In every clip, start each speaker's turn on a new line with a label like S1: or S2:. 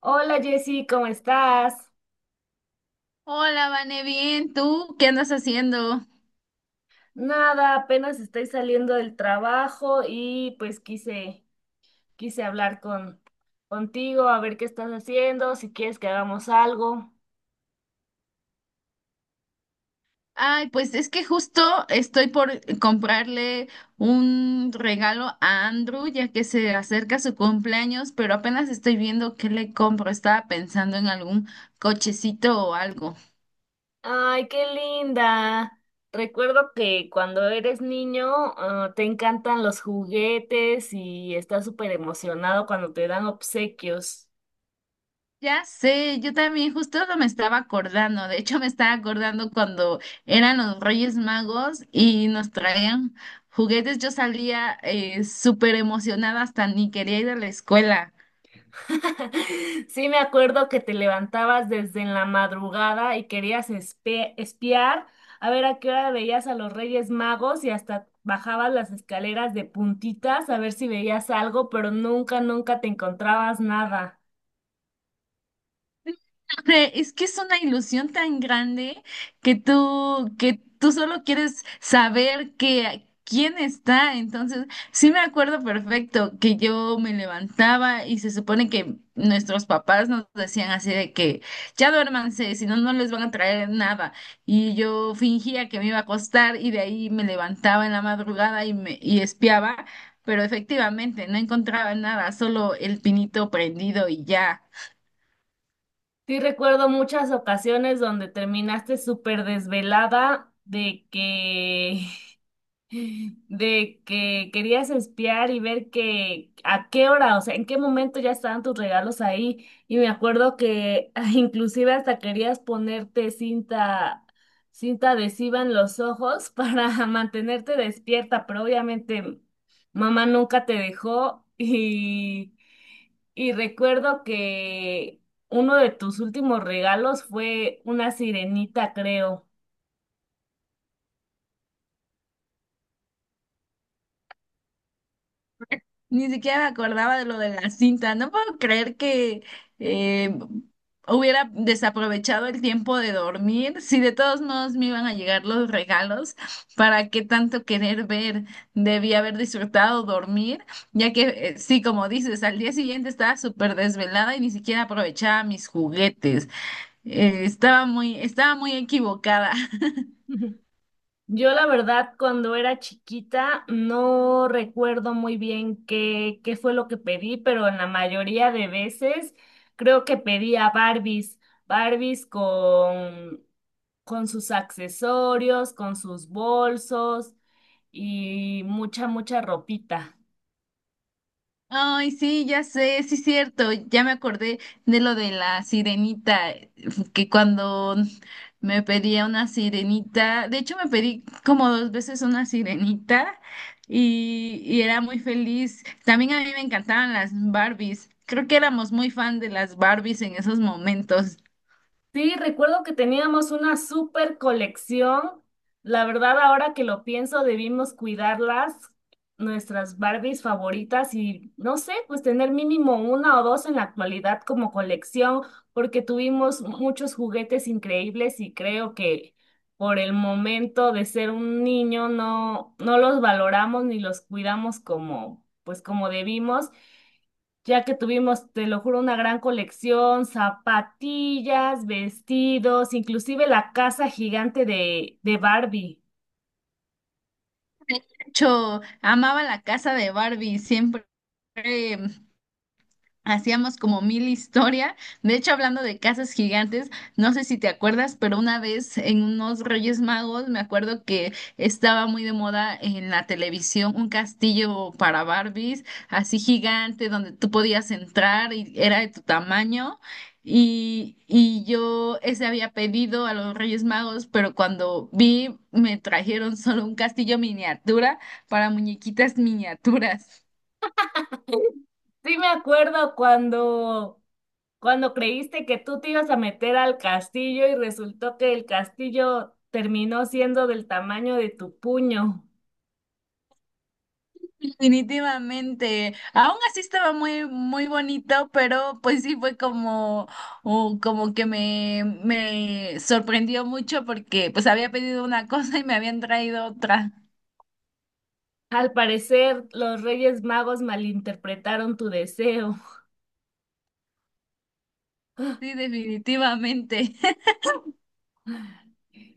S1: Hola Jessy, ¿cómo estás?
S2: Hola, Vane, bien, ¿tú qué andas haciendo?
S1: Nada, apenas estoy saliendo del trabajo y pues quise hablar contigo, a ver qué estás haciendo, si quieres que hagamos algo.
S2: Ay, pues es que justo estoy por comprarle un regalo a Andrew, ya que se acerca su cumpleaños, pero apenas estoy viendo qué le compro. Estaba pensando en algún cochecito o algo.
S1: Ay, qué linda. Recuerdo que cuando eres niño, te encantan los juguetes y estás súper emocionado cuando te dan obsequios.
S2: Ya sé, yo también justo no me estaba acordando. De hecho, me estaba acordando cuando eran los Reyes Magos y nos traían juguetes. Yo salía súper emocionada, hasta ni quería ir a la escuela.
S1: Sí, me acuerdo que te levantabas desde en la madrugada y querías espiar a ver a qué hora veías a los Reyes Magos y hasta bajabas las escaleras de puntitas a ver si veías algo, pero nunca, nunca te encontrabas nada.
S2: Hombre, es que es una ilusión tan grande que tú solo quieres saber que quién está. Entonces, sí me acuerdo perfecto que yo me levantaba y se supone que nuestros papás nos decían así de que ya duérmanse, si no, no les van a traer nada. Y yo fingía que me iba a acostar y de ahí me levantaba en la madrugada y me y espiaba, pero efectivamente no encontraba nada, solo el pinito prendido y ya.
S1: Sí, recuerdo muchas ocasiones donde terminaste súper desvelada de que de que querías espiar y ver que a qué hora, o sea, en qué momento ya estaban tus regalos ahí. Y me acuerdo que inclusive hasta querías ponerte cinta adhesiva en los ojos para mantenerte despierta, pero obviamente mamá nunca te dejó y recuerdo que uno de tus últimos regalos fue una sirenita, creo.
S2: Ni siquiera me acordaba de lo de la cinta. No puedo creer que eh, hubiera desaprovechado el tiempo de dormir. Si de todos modos me iban a llegar los regalos, ¿para qué tanto querer ver? Debí haber disfrutado dormir, ya que sí, como dices, al día siguiente estaba súper desvelada y ni siquiera aprovechaba mis juguetes. Estaba muy equivocada.
S1: Yo la verdad, cuando era chiquita, no recuerdo muy bien qué fue lo que pedí, pero en la mayoría de veces creo que pedía Barbies con sus accesorios, con sus bolsos y mucha, mucha ropita.
S2: Ay, sí, ya sé, sí es cierto, ya me acordé de lo de la sirenita, que cuando me pedía una sirenita, de hecho me pedí como dos veces una sirenita y era muy feliz. También a mí me encantaban las Barbies, creo que éramos muy fan de las Barbies en esos momentos.
S1: Sí, recuerdo que teníamos una súper colección. La verdad, ahora que lo pienso, debimos cuidarlas, nuestras Barbies favoritas y no sé, pues tener mínimo una o dos en la actualidad como colección, porque tuvimos muchos juguetes increíbles y creo que por el momento de ser un niño no los valoramos ni los cuidamos como, pues como debimos ya que tuvimos, te lo juro, una gran colección, zapatillas, vestidos, inclusive la casa gigante de Barbie.
S2: De hecho, amaba la casa de Barbie, siempre hacíamos como mil historia. De hecho, hablando de casas gigantes, no sé si te acuerdas, pero una vez en unos Reyes Magos, me acuerdo que estaba muy de moda en la televisión un castillo para Barbies, así gigante, donde tú podías entrar y era de tu tamaño. Y yo ese había pedido a los Reyes Magos, pero cuando vi, me trajeron solo un castillo miniatura para muñequitas miniaturas.
S1: Sí me acuerdo cuando creíste que tú te ibas a meter al castillo y resultó que el castillo terminó siendo del tamaño de tu puño.
S2: Definitivamente. Aún así estaba muy, muy bonito, pero pues sí fue como, o como que me sorprendió mucho porque pues había pedido una cosa y me habían traído otra.
S1: Al parecer, los Reyes Magos malinterpretaron tu deseo.
S2: Sí, definitivamente.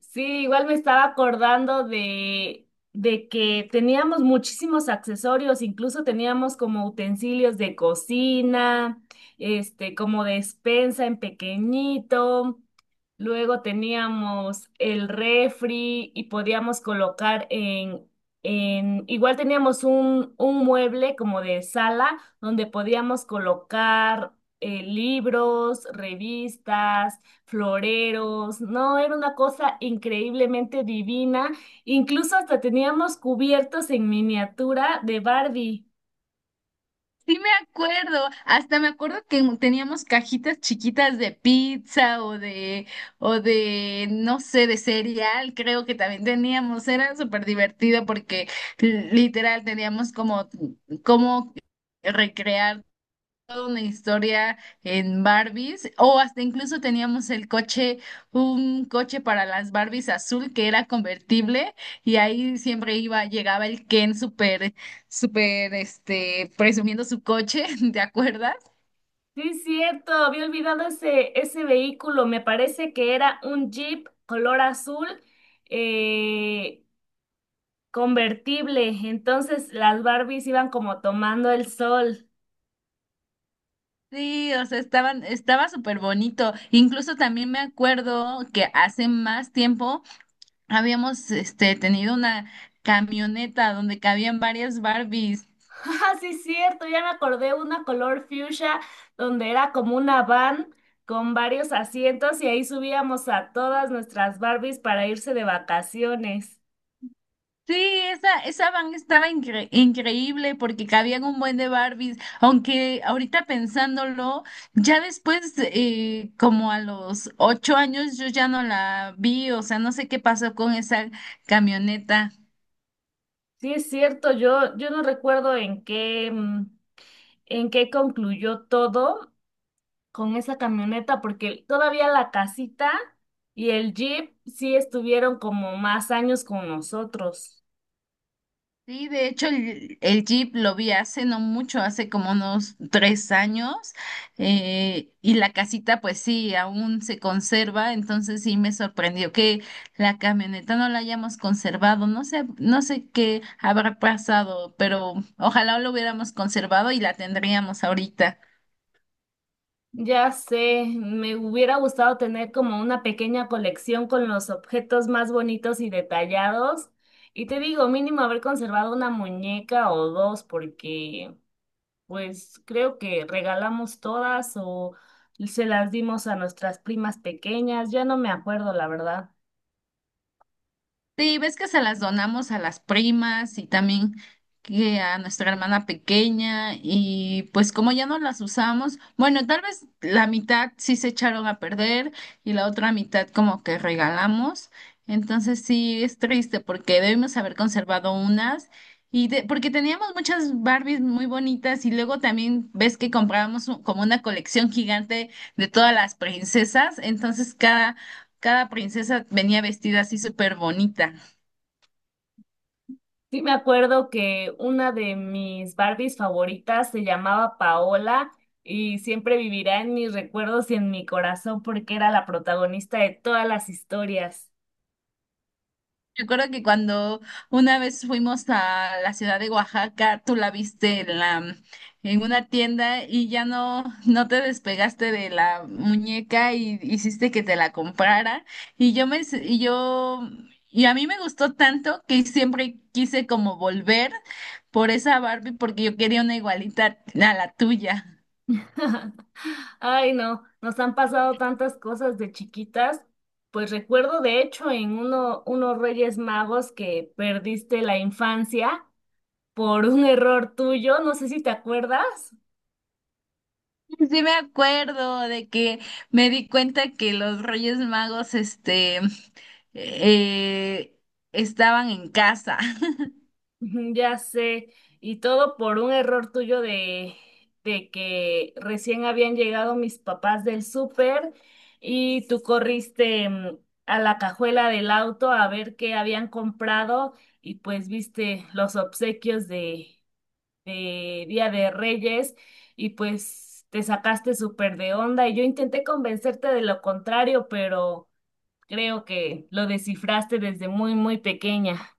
S1: Sí, igual me estaba acordando de que teníamos muchísimos accesorios, incluso teníamos como utensilios de cocina, este, como despensa en pequeñito. Luego teníamos el refri y podíamos colocar en igual teníamos un mueble como de sala donde podíamos colocar libros, revistas floreros, no, era una cosa increíblemente divina, incluso hasta teníamos cubiertos en miniatura de Barbie.
S2: Sí me acuerdo, hasta me acuerdo que teníamos cajitas chiquitas de pizza o de, no sé, de cereal, creo que también teníamos, era súper divertido porque literal teníamos como recrear una historia en Barbies o hasta incluso teníamos el coche, un coche para las Barbies azul que era convertible y ahí siempre iba, llegaba el Ken súper, súper, presumiendo su coche, ¿te acuerdas?
S1: Sí, es cierto, había olvidado ese vehículo, me parece que era un Jeep color azul eh, convertible, entonces las Barbies iban como tomando el sol.
S2: Sí, o sea, estaba súper bonito. Incluso también me acuerdo que hace más tiempo habíamos, tenido una camioneta donde cabían varias Barbies.
S1: Ah, sí, cierto, ya me acordé una color fuchsia donde era como una van con varios asientos y ahí subíamos a todas nuestras Barbies para irse de vacaciones.
S2: Sí, esa van estaba increíble porque cabían un buen de Barbies, aunque ahorita pensándolo, ya después, como a los 8 años, yo ya no la vi, o sea, no sé qué pasó con esa camioneta.
S1: Sí, es cierto, yo no recuerdo en qué, en qué concluyó todo con esa camioneta, porque todavía la casita y el jeep sí estuvieron como más años con nosotros.
S2: Sí, de hecho el Jeep lo vi hace no mucho, hace como unos 3 años, y la casita pues sí, aún se conserva, entonces sí me sorprendió que la camioneta no la hayamos conservado, no sé, no sé qué habrá pasado, pero ojalá lo hubiéramos conservado y la tendríamos ahorita.
S1: Ya sé, me hubiera gustado tener como una pequeña colección con los objetos más bonitos y detallados. Y te digo, mínimo haber conservado una muñeca o dos, porque pues creo que regalamos todas o se las dimos a nuestras primas pequeñas. Ya no me acuerdo, la verdad.
S2: Sí, ves que se las donamos a las primas y también que a nuestra hermana pequeña y pues como ya no las usamos, bueno, tal vez la mitad sí se echaron a perder y la otra mitad como que regalamos. Entonces sí es triste porque debimos haber conservado unas y porque teníamos muchas Barbies muy bonitas y luego también ves que comprábamos como una colección gigante de todas las princesas, entonces cada princesa venía vestida así súper bonita.
S1: Sí, me acuerdo que una de mis Barbies favoritas se llamaba Paola y siempre vivirá en mis recuerdos y en mi corazón porque era la protagonista de todas las historias.
S2: Recuerdo que cuando una vez fuimos a la ciudad de Oaxaca, tú la viste en en una tienda y ya no te despegaste de la muñeca y hiciste que te la comprara. Y yo me, s- y yo, Y a mí me gustó tanto que siempre quise como volver por esa Barbie porque yo quería una igualita a la tuya.
S1: Ay, no, nos han pasado tantas cosas de chiquitas. Pues recuerdo de hecho en unos Reyes Magos que perdiste la infancia por un error tuyo, no sé si te acuerdas.
S2: Sí, sí me acuerdo de que me di cuenta que los Reyes Magos, eh, estaban en casa.
S1: Ujú, ya sé, y todo por un error tuyo de que recién habían llegado mis papás del súper y tú corriste a la cajuela del auto a ver qué habían comprado y pues viste los obsequios de Día de Reyes y pues te sacaste súper de onda y yo intenté convencerte de lo contrario, pero creo que lo descifraste desde muy, muy pequeña.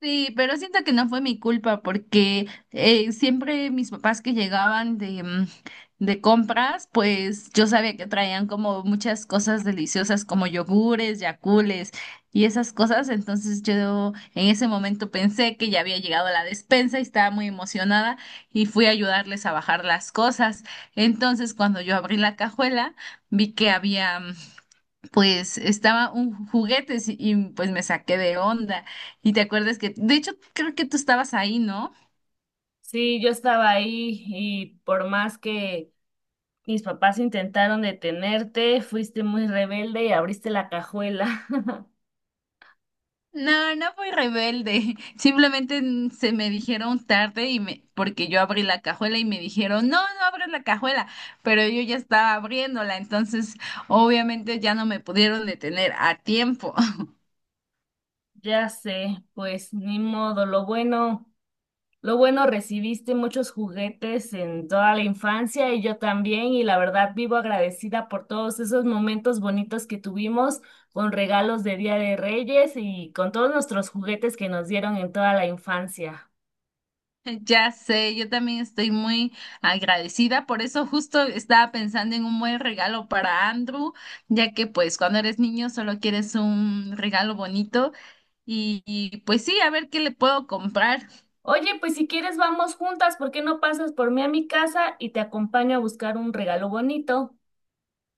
S2: Sí, pero siento que no fue mi culpa porque siempre mis papás que llegaban de compras, pues yo sabía que traían como muchas cosas deliciosas como yogures, yacules y esas cosas. Entonces yo en ese momento pensé que ya había llegado la despensa y estaba muy emocionada y fui a ayudarles a bajar las cosas. Entonces cuando yo abrí la cajuela, vi que había... pues estaba un juguete pues me saqué de onda. Y te acuerdas que, de hecho, creo que tú estabas ahí, ¿no?
S1: Sí, yo estaba ahí y por más que mis papás intentaron detenerte, fuiste muy rebelde y abriste la cajuela.
S2: No, no fui rebelde. Simplemente se me dijeron tarde y me, porque yo abrí la cajuela y me dijeron, no, no abras la cajuela, pero yo ya estaba abriéndola, entonces obviamente ya no me pudieron detener a tiempo.
S1: Ya sé, pues ni modo, lo bueno recibiste muchos juguetes en toda la infancia y yo también y la verdad vivo agradecida por todos esos momentos bonitos que tuvimos con regalos de Día de Reyes y con todos nuestros juguetes que nos dieron en toda la infancia.
S2: Ya sé, yo también estoy muy agradecida, por eso justo estaba pensando en un buen regalo para Andrew, ya que pues cuando eres niño solo quieres un regalo bonito y, pues sí, a ver qué le puedo comprar.
S1: Oye, pues si quieres vamos juntas, ¿por qué no pasas por mí a mi casa y te acompaño a buscar un regalo bonito?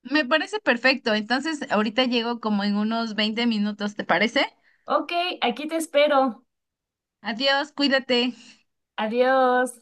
S2: Me parece perfecto, entonces ahorita llego como en unos 20 minutos, ¿te parece?
S1: Ok, aquí te espero.
S2: Adiós, cuídate.
S1: Adiós.